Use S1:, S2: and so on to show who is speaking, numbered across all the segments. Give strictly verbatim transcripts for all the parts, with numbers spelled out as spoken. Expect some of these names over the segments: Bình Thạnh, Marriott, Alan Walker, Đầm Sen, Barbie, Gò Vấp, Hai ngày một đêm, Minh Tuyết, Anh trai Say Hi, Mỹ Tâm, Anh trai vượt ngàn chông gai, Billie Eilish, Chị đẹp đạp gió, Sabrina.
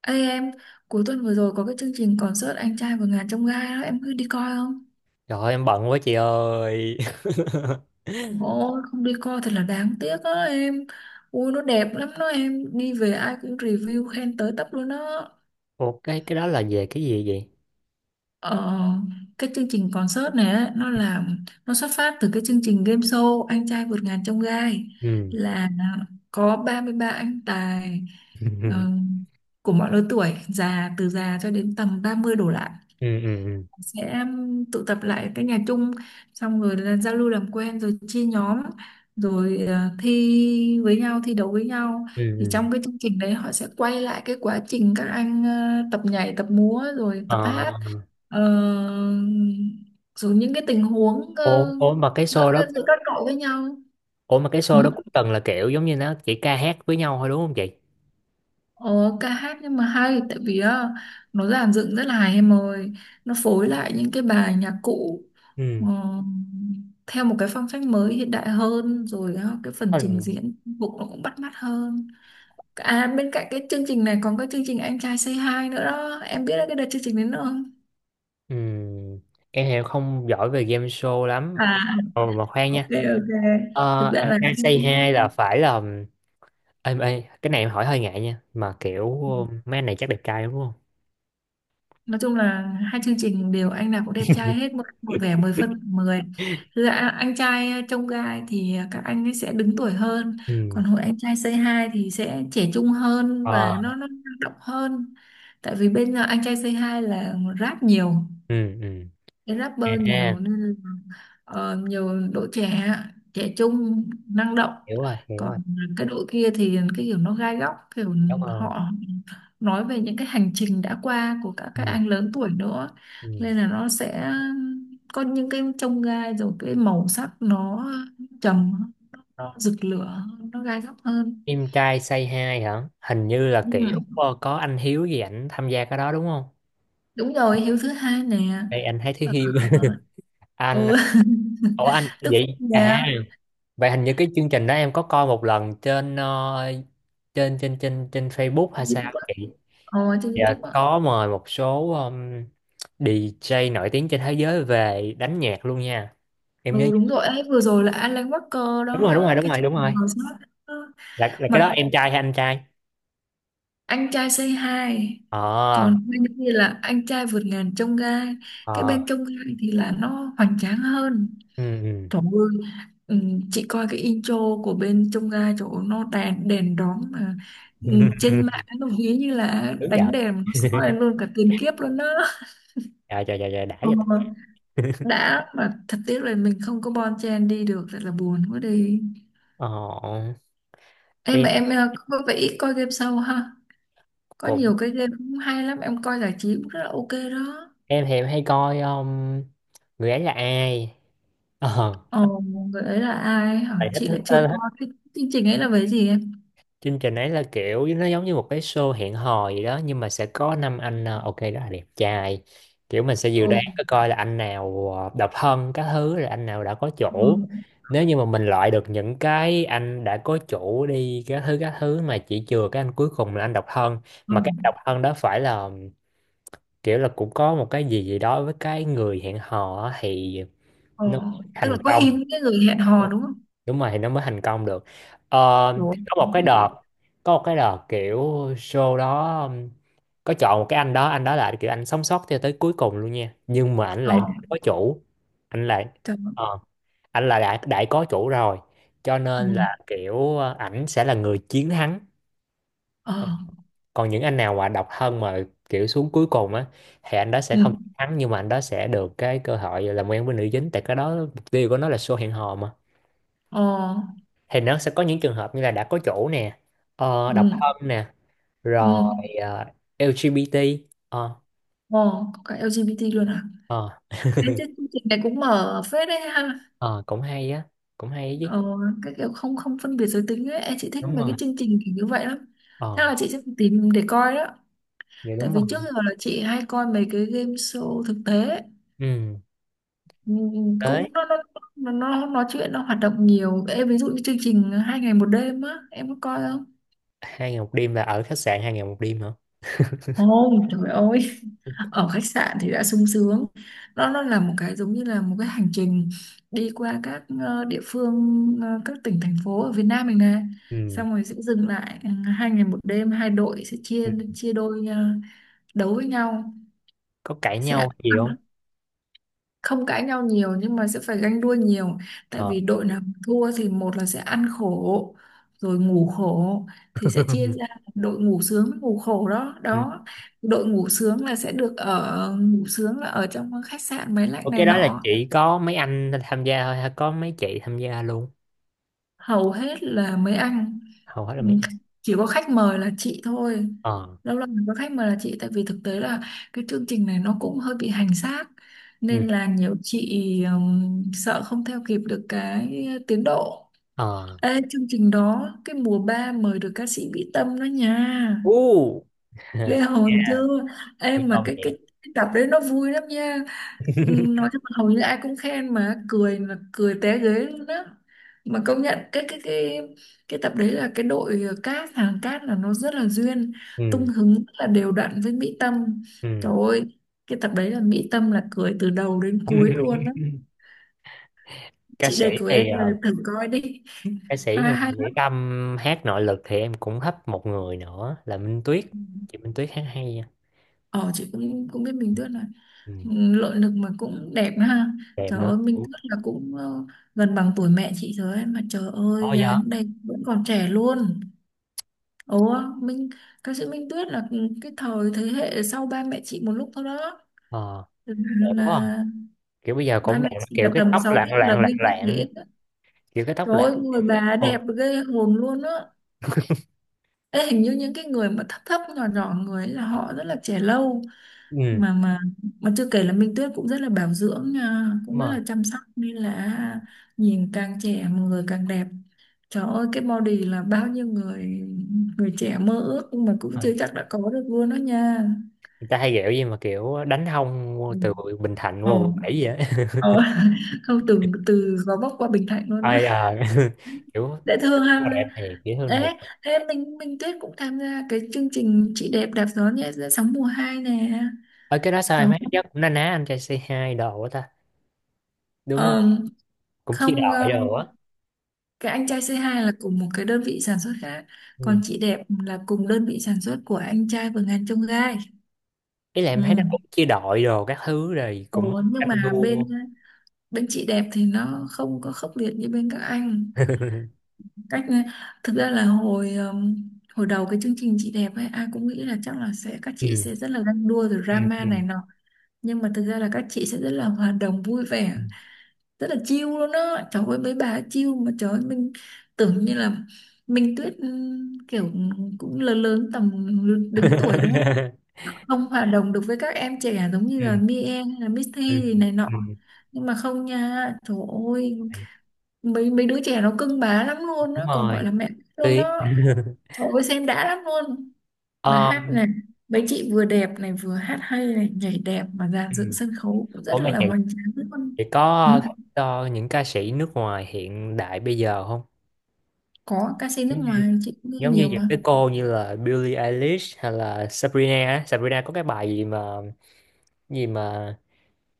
S1: Ê em, cuối tuần vừa rồi có cái chương trình concert Anh trai vượt ngàn chông gai đó, em cứ đi coi không?
S2: Trời ơi, em bận quá chị ơi.
S1: Ôi, không đi coi thật là đáng tiếc đó em. Ui, nó đẹp lắm đó em, đi về ai cũng review khen tới tấp luôn đó.
S2: Ủa cái cái đó là về cái gì vậy?
S1: Ờ, cái chương trình concert này á, nó là nó xuất phát từ cái chương trình game show Anh trai vượt ngàn chông gai,
S2: Ừ.
S1: là có ba mươi ba anh tài ờ, của mọi lứa tuổi, già từ già cho đến tầm ba mươi đổ lại,
S2: Ừ ừ ừ.
S1: sẽ um, tụ tập lại cái nhà chung, xong rồi là giao lưu làm quen rồi chia nhóm, rồi ờ, thi với nhau, thi đấu với nhau.
S2: ừ,
S1: Thì
S2: ừ.
S1: trong cái chương trình đấy họ sẽ quay lại cái quá trình các anh ờ, tập nhảy tập múa rồi tập hát.
S2: Ờ,
S1: Ờ, Rồi những cái tình huống
S2: ủa,
S1: ờ,
S2: ủa mà cái
S1: giữa
S2: show đó,
S1: giữa các đội với nhau.
S2: ủa mà cái
S1: Ừ.
S2: show đó cũng từng là kiểu giống như nó chỉ ca hát với nhau thôi đúng không chị?
S1: Ồ, ca hát nhưng mà hay, tại vì á, nó dàn dựng rất là hay em ơi, nó phối lại những cái bài nhạc cụ ờ,
S2: Ừ.
S1: theo một cái phong cách mới hiện đại hơn. Rồi á, cái phần trình
S2: Ừ.
S1: diễn phục nó cũng bắt mắt hơn. À bên cạnh cái chương trình này còn có chương trình Anh trai Say Hi nữa đó, em biết cái đợt chương trình đến không?
S2: Ừ. Em thì không giỏi về game show lắm.
S1: À,
S2: Ờ, mà khoan
S1: ok,
S2: nha.
S1: ok.
S2: Ờ,
S1: Thực ra
S2: anh
S1: là
S2: anh
S1: em
S2: say
S1: cũng,
S2: hi là phải là em ê, cái này em hỏi hơi ngại nha, mà kiểu ờ, mấy anh này chắc đẹp trai đúng không?
S1: nói chung là hai chương trình đều anh nào cũng đẹp trai hết, một, một vẻ mười phân mười. Dạ, anh trai ờ, trông gai thì ờ, các anh ấy sẽ đứng tuổi hơn,
S2: Ừ.
S1: còn hội anh trai Say Hi thì sẽ trẻ trung hơn
S2: Ờ.
S1: và nó nó năng động hơn. Tại vì bên ờ, anh trai Say Hi là rap nhiều,
S2: Ừ ừ.
S1: cái rapper
S2: À,
S1: nhiều nên Ờ, nhiều đội trẻ, trẻ trung năng động.
S2: hiểu rồi hiểu rồi
S1: Còn cái đội kia thì cái kiểu nó gai góc, kiểu
S2: cảm ơn.
S1: họ nói về những cái hành trình đã qua của các các
S2: Ừ.
S1: anh lớn tuổi nữa,
S2: Ừ.
S1: nên là nó sẽ có những cái chông gai rồi cái màu sắc nó trầm, nó rực lửa, nó gai góc hơn.
S2: Im trai say hi hả, hình như là
S1: Ừ.
S2: kiểu ờ, có anh Hiếu gì ảnh tham gia cái đó đúng không?
S1: Đúng rồi, Hiếu thứ hai nè.
S2: Đây anh thấy Thiếu
S1: ờ,
S2: Hiếu. Anh,
S1: ừ.
S2: ủa anh
S1: Đức
S2: vậy
S1: Phúc nè.
S2: à? Vậy hình như cái chương trình đó em có coi một lần trên ờ, trên trên trên trên Facebook hay sao
S1: YouTube á.
S2: chị?
S1: Ờ, trên
S2: Dạ
S1: YouTube á.
S2: có mời một số um, đi giây nổi tiếng trên thế giới về đánh nhạc luôn nha, em nhớ.
S1: Ừ đúng rồi ấy, vừa rồi là Alan Walker đó
S2: đúng rồi đúng rồi đúng
S1: cái
S2: rồi
S1: chương
S2: đúng
S1: trình
S2: rồi
S1: ngồi sót.
S2: là là cái
S1: Mật
S2: đó em trai hay anh trai?
S1: anh trai Say Hi,
S2: Ờ.
S1: còn bên kia là anh trai vượt ngàn chông gai. Cái
S2: Ờ.
S1: bên chông gai thì là nó hoành tráng hơn.
S2: ừ ừ.
S1: Trời ơi, ừ, chị coi cái intro của bên chông gai chỗ nó đèn đèn đóm mà, ừ, trên mạng nó ví như là
S2: Đúng giờ.
S1: đánh đèn mà nó soi lên luôn cả tiền kiếp luôn đó.
S2: trời trời trời trời đã
S1: Ừ,
S2: vậy ta.
S1: đã mà thật tiếc là mình không có bon chen đi được, thật là buồn quá đi.
S2: Ờ,
S1: Em mà
S2: em
S1: em ờ, có vẻ ít coi game show ha. Có
S2: cũng.
S1: nhiều cái game cũng hay lắm, em coi giải trí cũng rất là ok đó.
S2: Em thì em hay coi, um, người ấy là ai. ờ
S1: Ồ, người ấy là ai hả?
S2: Tại thích
S1: Chị
S2: thích,
S1: lại chưa
S2: thích thích
S1: coi cái chương trình ấy. Là về gì em?
S2: chương trình ấy là kiểu nó giống như một cái show hẹn hò gì đó, nhưng mà sẽ có năm anh ờ, ok rất là đẹp trai. Kiểu mình sẽ dự
S1: Ồ,
S2: đoán coi coi là anh nào ờ, độc thân các thứ, rồi anh nào đã có chủ.
S1: ừ,
S2: Nếu như mà mình loại được những cái anh đã có chủ đi các thứ các thứ, mà chỉ chừa cái anh cuối cùng là anh độc thân,
S1: ừ,
S2: mà cái độc thân đó phải là kiểu là cũng có một cái gì gì đó với cái người hẹn hò á, thì
S1: ừ.
S2: nó mới
S1: Tức là
S2: thành
S1: có
S2: công đúng
S1: hình cái người hẹn hò
S2: không?
S1: đúng không?
S2: Đúng rồi, thì nó mới thành công được. Ờ, thì
S1: Đúng.
S2: có một cái
S1: Thế đấy.
S2: đợt, có một cái đợt kiểu show đó um, có chọn một cái anh đó, anh đó là kiểu anh sống sót cho tới cuối cùng luôn nha, nhưng mà anh
S1: Ờ,
S2: lại có chủ. Anh lại
S1: trời ơi.
S2: ờ, anh là đã đã có chủ rồi, cho
S1: Ừ,
S2: nên là kiểu ờ, ảnh sẽ là người chiến thắng.
S1: ờ,
S2: Còn những anh nào mà độc thân mà kiểu xuống cuối cùng á, thì anh đó sẽ
S1: ừ,
S2: không thắng, nhưng mà anh đó sẽ được cái cơ hội làm quen với nữ chính, tại cái đó mục tiêu của nó là show hẹn hò mà.
S1: ờ,
S2: Thì nó sẽ có những trường hợp như là đã có chủ nè, ờ, độc
S1: ừ,
S2: thân nè,
S1: ừ,
S2: rồi ờ, e lờ gi bê tê. Ờ.
S1: ờ, Có cả en giê bê tê luôn à?
S2: Ờ.
S1: Thế chứ chương trình này cũng mở phết đấy ha.
S2: Ờ, cũng hay á, cũng hay chứ.
S1: Ờ, cái kiểu không không phân biệt giới tính ấy, em, chị thích
S2: Đúng
S1: mấy cái
S2: rồi.
S1: chương trình kiểu như vậy lắm. Chắc
S2: Ờ,
S1: là chị sẽ tìm để coi đó.
S2: dạ
S1: Tại
S2: đúng
S1: vì
S2: rồi.
S1: trước giờ là chị hay coi mấy cái game show thực tế ấy.
S2: Ừ,
S1: Ừm,
S2: đấy.
S1: cũng nó nó nó nó nói chuyện, nó hoạt động nhiều em, ví dụ như chương trình hai ngày một đêm á, em có coi?
S2: Hai ngày một đêm là ở khách sạn hai ngày một đêm hả?
S1: Ôi trời ơi, ở khách sạn thì đã sung sướng, nó nó là một cái giống như là một cái hành trình đi qua các ờ, địa phương, ờ, các tỉnh thành phố ở Việt Nam mình nè.
S2: ừ,
S1: Xong rồi sẽ dừng lại ờ, hai ngày một đêm, hai đội sẽ chia
S2: ừ.
S1: chia đôi, ờ, đấu với nhau.
S2: Có cãi
S1: Sẽ
S2: nhau gì
S1: ăn,
S2: không?
S1: không cãi nhau nhiều nhưng mà sẽ phải ganh đua nhiều, tại
S2: Ờ.
S1: vì đội Ừ. nào thua thì một là sẽ ăn khổ rồi ngủ khổ, thì sẽ chia ra đội ngủ sướng với ngủ khổ đó đó. Đội ngủ sướng là sẽ được ở, ngủ sướng là ở trong khách sạn máy lạnh
S2: Ủa,
S1: này
S2: cái đó là
S1: nọ.
S2: chỉ có mấy anh tham gia thôi hay có mấy chị tham gia luôn?
S1: Hầu hết là mấy anh,
S2: Hầu hết là
S1: ừ,
S2: mấy anh.
S1: chỉ có khách mời là chị thôi.
S2: Ờ.
S1: Lâu lâu mới có khách mời là chị, tại vì thực tế là cái chương trình này nó cũng hơi bị hành xác,
S2: Ừ.
S1: nên là nhiều chị ừm, sợ không theo kịp được cái tiến độ.
S2: Ờ.
S1: Ê, chương trình đó cái mùa ba mời được ca sĩ Mỹ Tâm đó nha,
S2: Uh.
S1: ghê hồn chưa.
S2: Thật
S1: Em
S2: lâu
S1: mà cái
S2: vậy.
S1: cái cái tập đấy nó vui lắm nha. Ừ, nói chung là hầu như ai cũng khen, mà cười là cười té ghế luôn á. Mà công nhận cái cái cái cái tập đấy là cái đội cát, hàng cát là nó rất là duyên, tung
S2: Ừ.
S1: hứng rất là đều đặn với Mỹ Tâm.
S2: Ừ.
S1: Trời ơi, cái tập đấy là Mỹ Tâm là cười từ đầu đến cuối luôn á.
S2: Ca
S1: Chị
S2: sĩ
S1: đề cử em
S2: thì
S1: là
S2: ờ,
S1: thử coi đi,
S2: ca sĩ thì
S1: hay
S2: ngoài
S1: hay
S2: Mỹ
S1: lắm.
S2: Tâm hát nội lực thì em cũng hấp một người nữa là Minh Tuyết.
S1: Ừ.
S2: Chị Minh Tuyết hát hay nha.
S1: Ờ chị cũng cũng biết Minh Tuyết này,
S2: Ừ.
S1: nội lực mà cũng đẹp đó ha.
S2: Đẹp
S1: Trời
S2: nữa.
S1: ơi Minh Tuyết là cũng ờ, gần bằng tuổi mẹ chị rồi ấy. Mà trời
S2: Ồ
S1: ơi
S2: dạ.
S1: dáng đẹp vẫn còn trẻ luôn. Ủa, Minh, ca sĩ Minh Tuyết là cái thời thế hệ sau ba mẹ chị một lúc thôi đó.
S2: Ờ.
S1: Là,
S2: Đẹp quá à.
S1: là
S2: Kiểu bây giờ
S1: ba
S2: cũng
S1: mẹ
S2: đẹp,
S1: chị
S2: kiểu
S1: là
S2: cái
S1: tầm
S2: tóc
S1: sáu
S2: lạng
S1: ít
S2: lạng
S1: lần
S2: lạng
S1: Minh Tuyết
S2: lạng
S1: dễ.
S2: kiểu cái tóc
S1: Trời
S2: lạng.
S1: ơi, người bà
S2: Ồ.
S1: đẹp ghê hồn luôn á. Ê, hình như những cái người mà thấp thấp nhỏ nhỏ người ấy là họ rất là trẻ lâu.
S2: Ừ.
S1: Mà mà mà chưa kể là Minh Tuyết cũng rất là bảo dưỡng nha, cũng
S2: Đúng
S1: rất
S2: rồi.
S1: là chăm sóc, nên là nhìn càng trẻ mà người càng đẹp. Trời ơi cái body là bao nhiêu người, người trẻ mơ ước nhưng mà cũng
S2: Ờ.
S1: chưa chắc đã có được luôn đó nha.
S2: Người ta hay ghẹo gì mà kiểu đánh hông
S1: Ừ.
S2: từ Bình Thạnh qua quận
S1: Ồ,
S2: bảy vậy á.
S1: ờ. Không, từ từ Gò Vấp qua Bình Thạnh luôn á.
S2: Ai à, kiểu
S1: Dễ thương
S2: nó
S1: ha.
S2: đẹp thiệt, dễ thương thiệt.
S1: Đấy, thế mình mình Tuyết cũng tham gia cái chương trình chị đẹp đạp gió nhé sóng mùa hai nè.
S2: Ở cái đó sao
S1: Đó.
S2: em thấy nó cũng na ná anh trai c hai đồ á ta, đúng không,
S1: Ờ,
S2: cũng chia
S1: không ờ,
S2: đội đồ á.
S1: Cái anh trai c hai là cùng một cái đơn vị sản xuất khác,
S2: Ừ.
S1: còn chị đẹp là cùng đơn vị sản xuất của anh trai Vườn Ngàn Chông Gai.
S2: Ý là em
S1: Ừ.
S2: thấy nó cũng chia đội đồ các thứ rồi cũng
S1: Ồ, nhưng
S2: tranh
S1: mà bên
S2: đua.
S1: bên chị đẹp thì nó không có khốc liệt như bên các anh. Cách, thực ra là hồi ừm, hồi đầu cái chương trình chị đẹp ấy ai cũng nghĩ là chắc là sẽ các chị
S2: Ừ.
S1: sẽ rất là ganh đua rồi
S2: Ừ.
S1: drama
S2: Ừ.
S1: này nọ, nhưng mà thực ra là các chị sẽ rất là hòa đồng vui vẻ,
S2: Ừ.
S1: rất là chill luôn á. Trời ơi mấy bà ấy chill mà, trời ơi mình tưởng như là Minh Tuyết ừm, kiểu cũng lớn lớn tầm đứng tuổi đúng không, không hòa đồng được với các em trẻ giống như
S2: Ừ.
S1: là Mia hay là misty
S2: Ừ.
S1: gì này nọ.
S2: Ừ.
S1: Nhưng mà không nha, trời ơi mấy mấy đứa trẻ nó cưng bá lắm luôn
S2: Đúng
S1: á, còn
S2: rồi.
S1: gọi là mẹ luôn
S2: Tuyệt.
S1: đó. Ôi xem đã lắm luôn. Mà hát
S2: um,
S1: này, mấy chị vừa đẹp này vừa hát hay này, nhảy đẹp mà dàn dựng sân khấu cũng
S2: Ủa
S1: rất
S2: mà
S1: là
S2: chị
S1: hoành tráng luôn.
S2: chị có
S1: Ừ?
S2: thích ờ, những ca sĩ nước ngoài hiện đại bây giờ không?
S1: Có, ca sĩ nước
S2: Giống như,
S1: ngoài chị cũng nghe
S2: giống như
S1: nhiều
S2: những
S1: mà.
S2: cái cô như là Billie Eilish hay là Sabrina á. Sabrina có cái bài gì mà, gì mà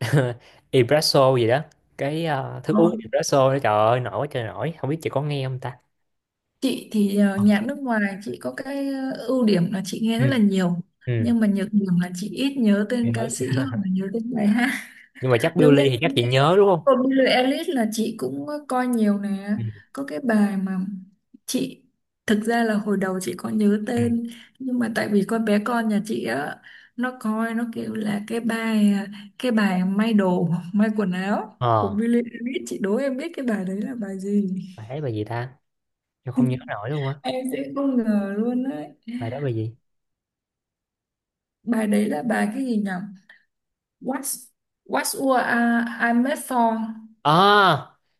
S2: espresso gì đó, cái ờ, thức
S1: Ờ.
S2: uống espresso đó, trời ơi nổi quá trời nổi, không biết chị có nghe không ta.
S1: Chị thì ờ,
S2: Ờ.
S1: nhạc nước ngoài chị có cái ờ, ưu điểm là chị nghe rất là
S2: ừ,
S1: nhiều.
S2: ừ.
S1: Nhưng mà nhược điểm là chị ít nhớ
S2: Nghe
S1: tên ca
S2: nói,
S1: sĩ hoặc là nhớ tên bài hát.
S2: nhưng mà chắc
S1: Giống như
S2: Billie thì chắc chị nhớ đúng không?
S1: của Billie Eilish là chị cũng coi nhiều nè,
S2: ừ,
S1: có cái bài mà chị, thực ra là hồi đầu chị có nhớ
S2: ừ.
S1: tên nhưng mà tại vì con bé con nhà chị á, nó coi nó kêu là cái bài cái bài may đồ, may quần áo của
S2: Ờ,
S1: Billie Eilish. Chị đố em biết cái bài đấy là bài gì.
S2: bài ấy bài gì ta, tôi không nhớ nổi luôn á,
S1: Em sẽ không ngờ luôn đấy.
S2: bài đó bài gì.
S1: Bài đấy là bài cái gì nhỉ. What's What's What I, I Made For.
S2: À,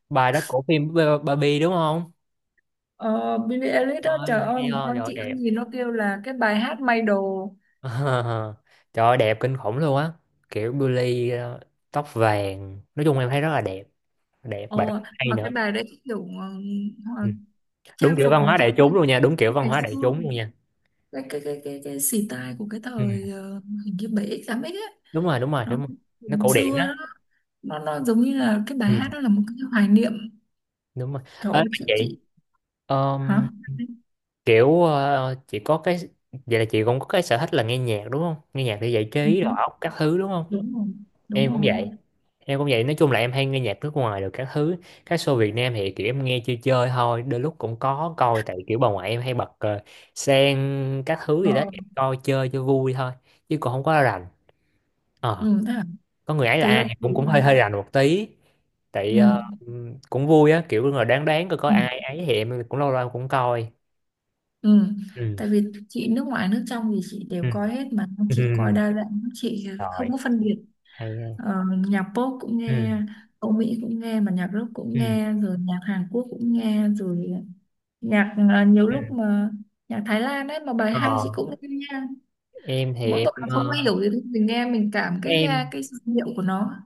S2: bài đó của phim Barbie đúng không?
S1: Ờ, Billie Eilish đó,
S2: Ơi
S1: trời ơi
S2: hay
S1: một
S2: ho,
S1: con
S2: rồi
S1: chị
S2: đẹp.
S1: ăn gì nó kêu là cái bài hát may đồ.
S2: Ờ, trời ơi, đẹp kinh khủng luôn á. Kiểu Billy ờ, tóc vàng. Nói chung em thấy rất là đẹp. Đẹp và rất
S1: ờ,
S2: là hay
S1: mà
S2: nữa.
S1: cái bài đấy cái kiểu ờ, ờ,
S2: Ừ. Đúng
S1: trang
S2: kiểu
S1: phục
S2: văn
S1: nó
S2: hóa
S1: theo
S2: đại chúng
S1: cách
S2: luôn nha. Đúng kiểu văn
S1: ngày
S2: hóa
S1: xưa,
S2: đại chúng luôn nha.
S1: cái cái cái cái cái style của cái
S2: Ừ.
S1: thời ờ, hình như bảy x tám x ấy,
S2: Đúng rồi, đúng rồi,
S1: nó
S2: đúng rồi. Nó
S1: ngày
S2: cổ điển
S1: xưa đó.
S2: á.
S1: Nó nó giống như là cái bài
S2: Ừ.
S1: hát đó là một cái hoài niệm.
S2: Đúng rồi.
S1: Trời
S2: Ê,
S1: ơi
S2: mà
S1: chị
S2: chị,
S1: chị. Hả?
S2: ờm, kiểu ờ, chị có cái... Vậy là chị cũng có cái sở thích là nghe nhạc đúng không? Nghe nhạc để giải
S1: Ừ,
S2: trí, rồi óc, các thứ đúng không?
S1: đúng rồi, đúng
S2: Em cũng
S1: rồi.
S2: vậy. Em cũng vậy, nói chung là em hay nghe nhạc nước ngoài rồi các thứ. Các show Việt Nam thì kiểu em nghe chơi chơi thôi, đôi lúc cũng có coi tại kiểu bà ngoại em hay bật ờ, sen các thứ gì đó,
S1: ờ,
S2: em coi chơi cho vui thôi, chứ còn không có rành. Ờ,
S1: ừ, thế à?
S2: có người ấy là
S1: Thực ra
S2: ai
S1: chị,
S2: cũng cũng hơi hơi rành một tí. Tại ờ,
S1: ừ.
S2: cũng vui á, kiểu là đáng đáng coi có ai
S1: Ừ.
S2: ấy thì em cũng lâu lâu em cũng coi.
S1: Ừ.
S2: Ừ.
S1: Tại vì chị nước ngoài nước trong thì chị đều
S2: Ừ.
S1: coi hết, mà chị coi
S2: Ừ.
S1: đa dạng, chị
S2: Rồi,
S1: không có phân biệt.
S2: hay ha.
S1: ờ, Nhạc pop cũng nghe,
S2: Ừ.
S1: Âu Mỹ cũng nghe, mà nhạc rock cũng
S2: Ừ.
S1: nghe, rồi nhạc Hàn Quốc cũng nghe rồi. Nhạc ờ, nhiều
S2: Ừ.
S1: lúc mà nhạc Thái Lan ấy mà bài
S2: Ờ,
S1: hay chị cũng nghe nha.
S2: em thì
S1: Mỗi
S2: em
S1: tội là không có
S2: ờ,
S1: hiểu gì thì mình nghe mình cảm cái nha,
S2: em
S1: cái giai điệu của nó.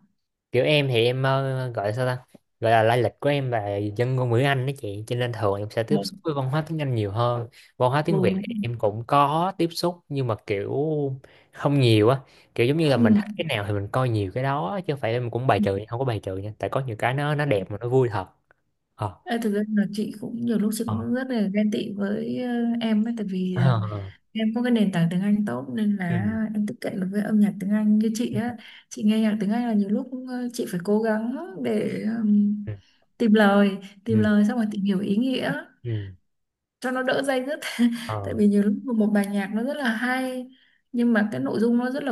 S2: kiểu em thì em ờ, gọi là sao ta, gọi là lai lịch của em là dân ngôn ngữ Anh đó chị, cho nên thường em sẽ
S1: Ờ,
S2: tiếp xúc với văn hóa tiếng Anh nhiều hơn. Văn hóa tiếng
S1: ừ,
S2: Việt thì
S1: đúng,
S2: em cũng có tiếp xúc nhưng mà kiểu không nhiều á, kiểu giống như là mình thích
S1: ừ.
S2: cái nào thì mình coi nhiều cái đó, chứ không phải em cũng bài trừ, không có bài trừ nha, tại có nhiều cái nó nó đẹp mà nó vui thật. Ờ.
S1: Ê, thực ra là chị cũng nhiều lúc chị
S2: Ờ.
S1: cũng rất là ghen tị với ờ, em ấy, tại vì ờ,
S2: Ờ.
S1: em có cái nền tảng tiếng Anh tốt nên là
S2: Ừ.
S1: em tiếp cận được với âm nhạc tiếng Anh như chị á. Chị nghe nhạc tiếng Anh là nhiều lúc ờ, chị phải cố gắng để ừm,
S2: Ừ.
S1: tìm lời tìm
S2: Ừ.
S1: lời xong rồi tìm hiểu ý nghĩa
S2: Ừ.
S1: cho nó đỡ day dứt. Tại
S2: Ờ.
S1: vì nhiều lúc một một bài nhạc nó rất là hay nhưng mà cái nội dung nó rất là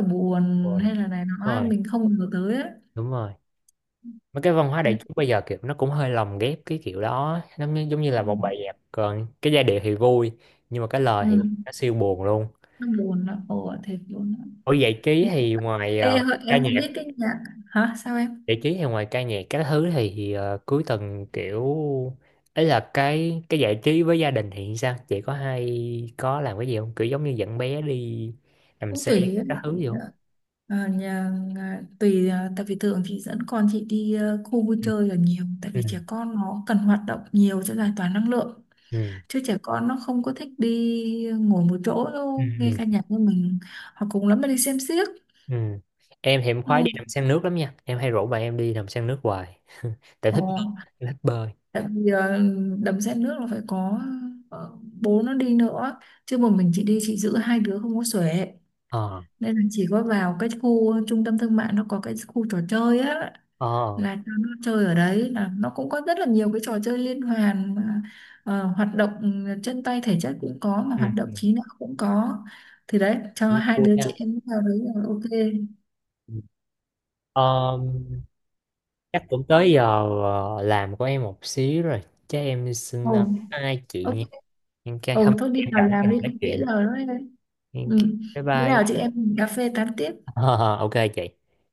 S2: đúng
S1: buồn,
S2: rồi
S1: hay là này nó ấy, mình không ngờ tới ấy.
S2: đúng rồi mấy cái văn hóa đại
S1: Đấy.
S2: chúng bây giờ kiểu nó cũng hơi lồng ghép cái kiểu đó, nó như, giống như
S1: Ừ.
S2: là một bài nhạc còn cái giai điệu thì vui, nhưng mà cái lời
S1: Ừ.
S2: thì
S1: Ừ.
S2: nó siêu buồn luôn.
S1: Nó buồn, nó ồ thiệt buồn.
S2: Ở giải trí thì ngoài ờ,
S1: Ê, Hội,
S2: ca
S1: em
S2: nhạc,
S1: không biết cái nhạc hả sao em.
S2: giải trí thì ngoài ca nhạc các thứ thì ờ, cuối tuần kiểu ấy là cái cái giải trí với gia đình thì sao, chị có hay có làm cái gì không, kiểu giống như dẫn bé đi làm
S1: Cũng
S2: xe
S1: tùy ấy.
S2: các thứ gì không?
S1: Ờ, nhà, nhà- tùy à, tại vì thường chị dẫn con chị đi ờ, khu vui
S2: Ừ.
S1: chơi là nhiều, tại
S2: Ừ.
S1: vì trẻ con nó cần hoạt động nhiều cho giải tỏa năng lượng,
S2: Ừ.
S1: chứ trẻ con nó không có thích đi ngồi một chỗ
S2: Ừ.
S1: đâu nghe
S2: Ừ.
S1: ca nhạc như mình, hoặc cùng lắm là đi xem xiếc.
S2: Ừ. Em thì em
S1: Ừ.
S2: khoái đi đầm sen nước lắm nha. Em hay rủ bạn em đi đầm sen nước hoài. Tại
S1: Ờ,
S2: thích bơi, em thích bơi.
S1: tại vì ờ, đầm sen nước là phải có ờ, bố nó đi nữa, chứ một mình chị đi chị giữ hai đứa không có xuể.
S2: Ờ.
S1: Nên là chỉ có vào cái khu trung tâm thương mại nó có cái khu trò chơi á,
S2: Ờ.
S1: là cho nó chơi ở đấy là nó cũng có rất là nhiều cái trò chơi liên hoàn mà, ờ, hoạt động, ừ, chân tay thể chất cũng có mà
S2: Ừ.
S1: hoạt động trí não cũng có. Thì đấy cho
S2: Cũng
S1: hai
S2: vui
S1: đứa chị
S2: nha.
S1: em vào đấy là ok.
S2: Ừ. Ờ, chắc cũng tới giờ ờ, làm của em một xíu rồi. Chắc em
S1: Ồ,
S2: xin ờ, bye hai chị
S1: ok.
S2: nha. Em cái
S1: Ồ
S2: hôm
S1: thôi
S2: nay
S1: đi
S2: em
S1: vào
S2: rảnh
S1: làm
S2: rồi
S1: đi
S2: nói
S1: không trễ
S2: chuyện.
S1: giờ nữa đấy.
S2: Em-
S1: Ừ.
S2: bye
S1: Bữa nào chị
S2: bye.
S1: em mình cà phê tán tiếp.
S2: Ờ, ờ, ok chị.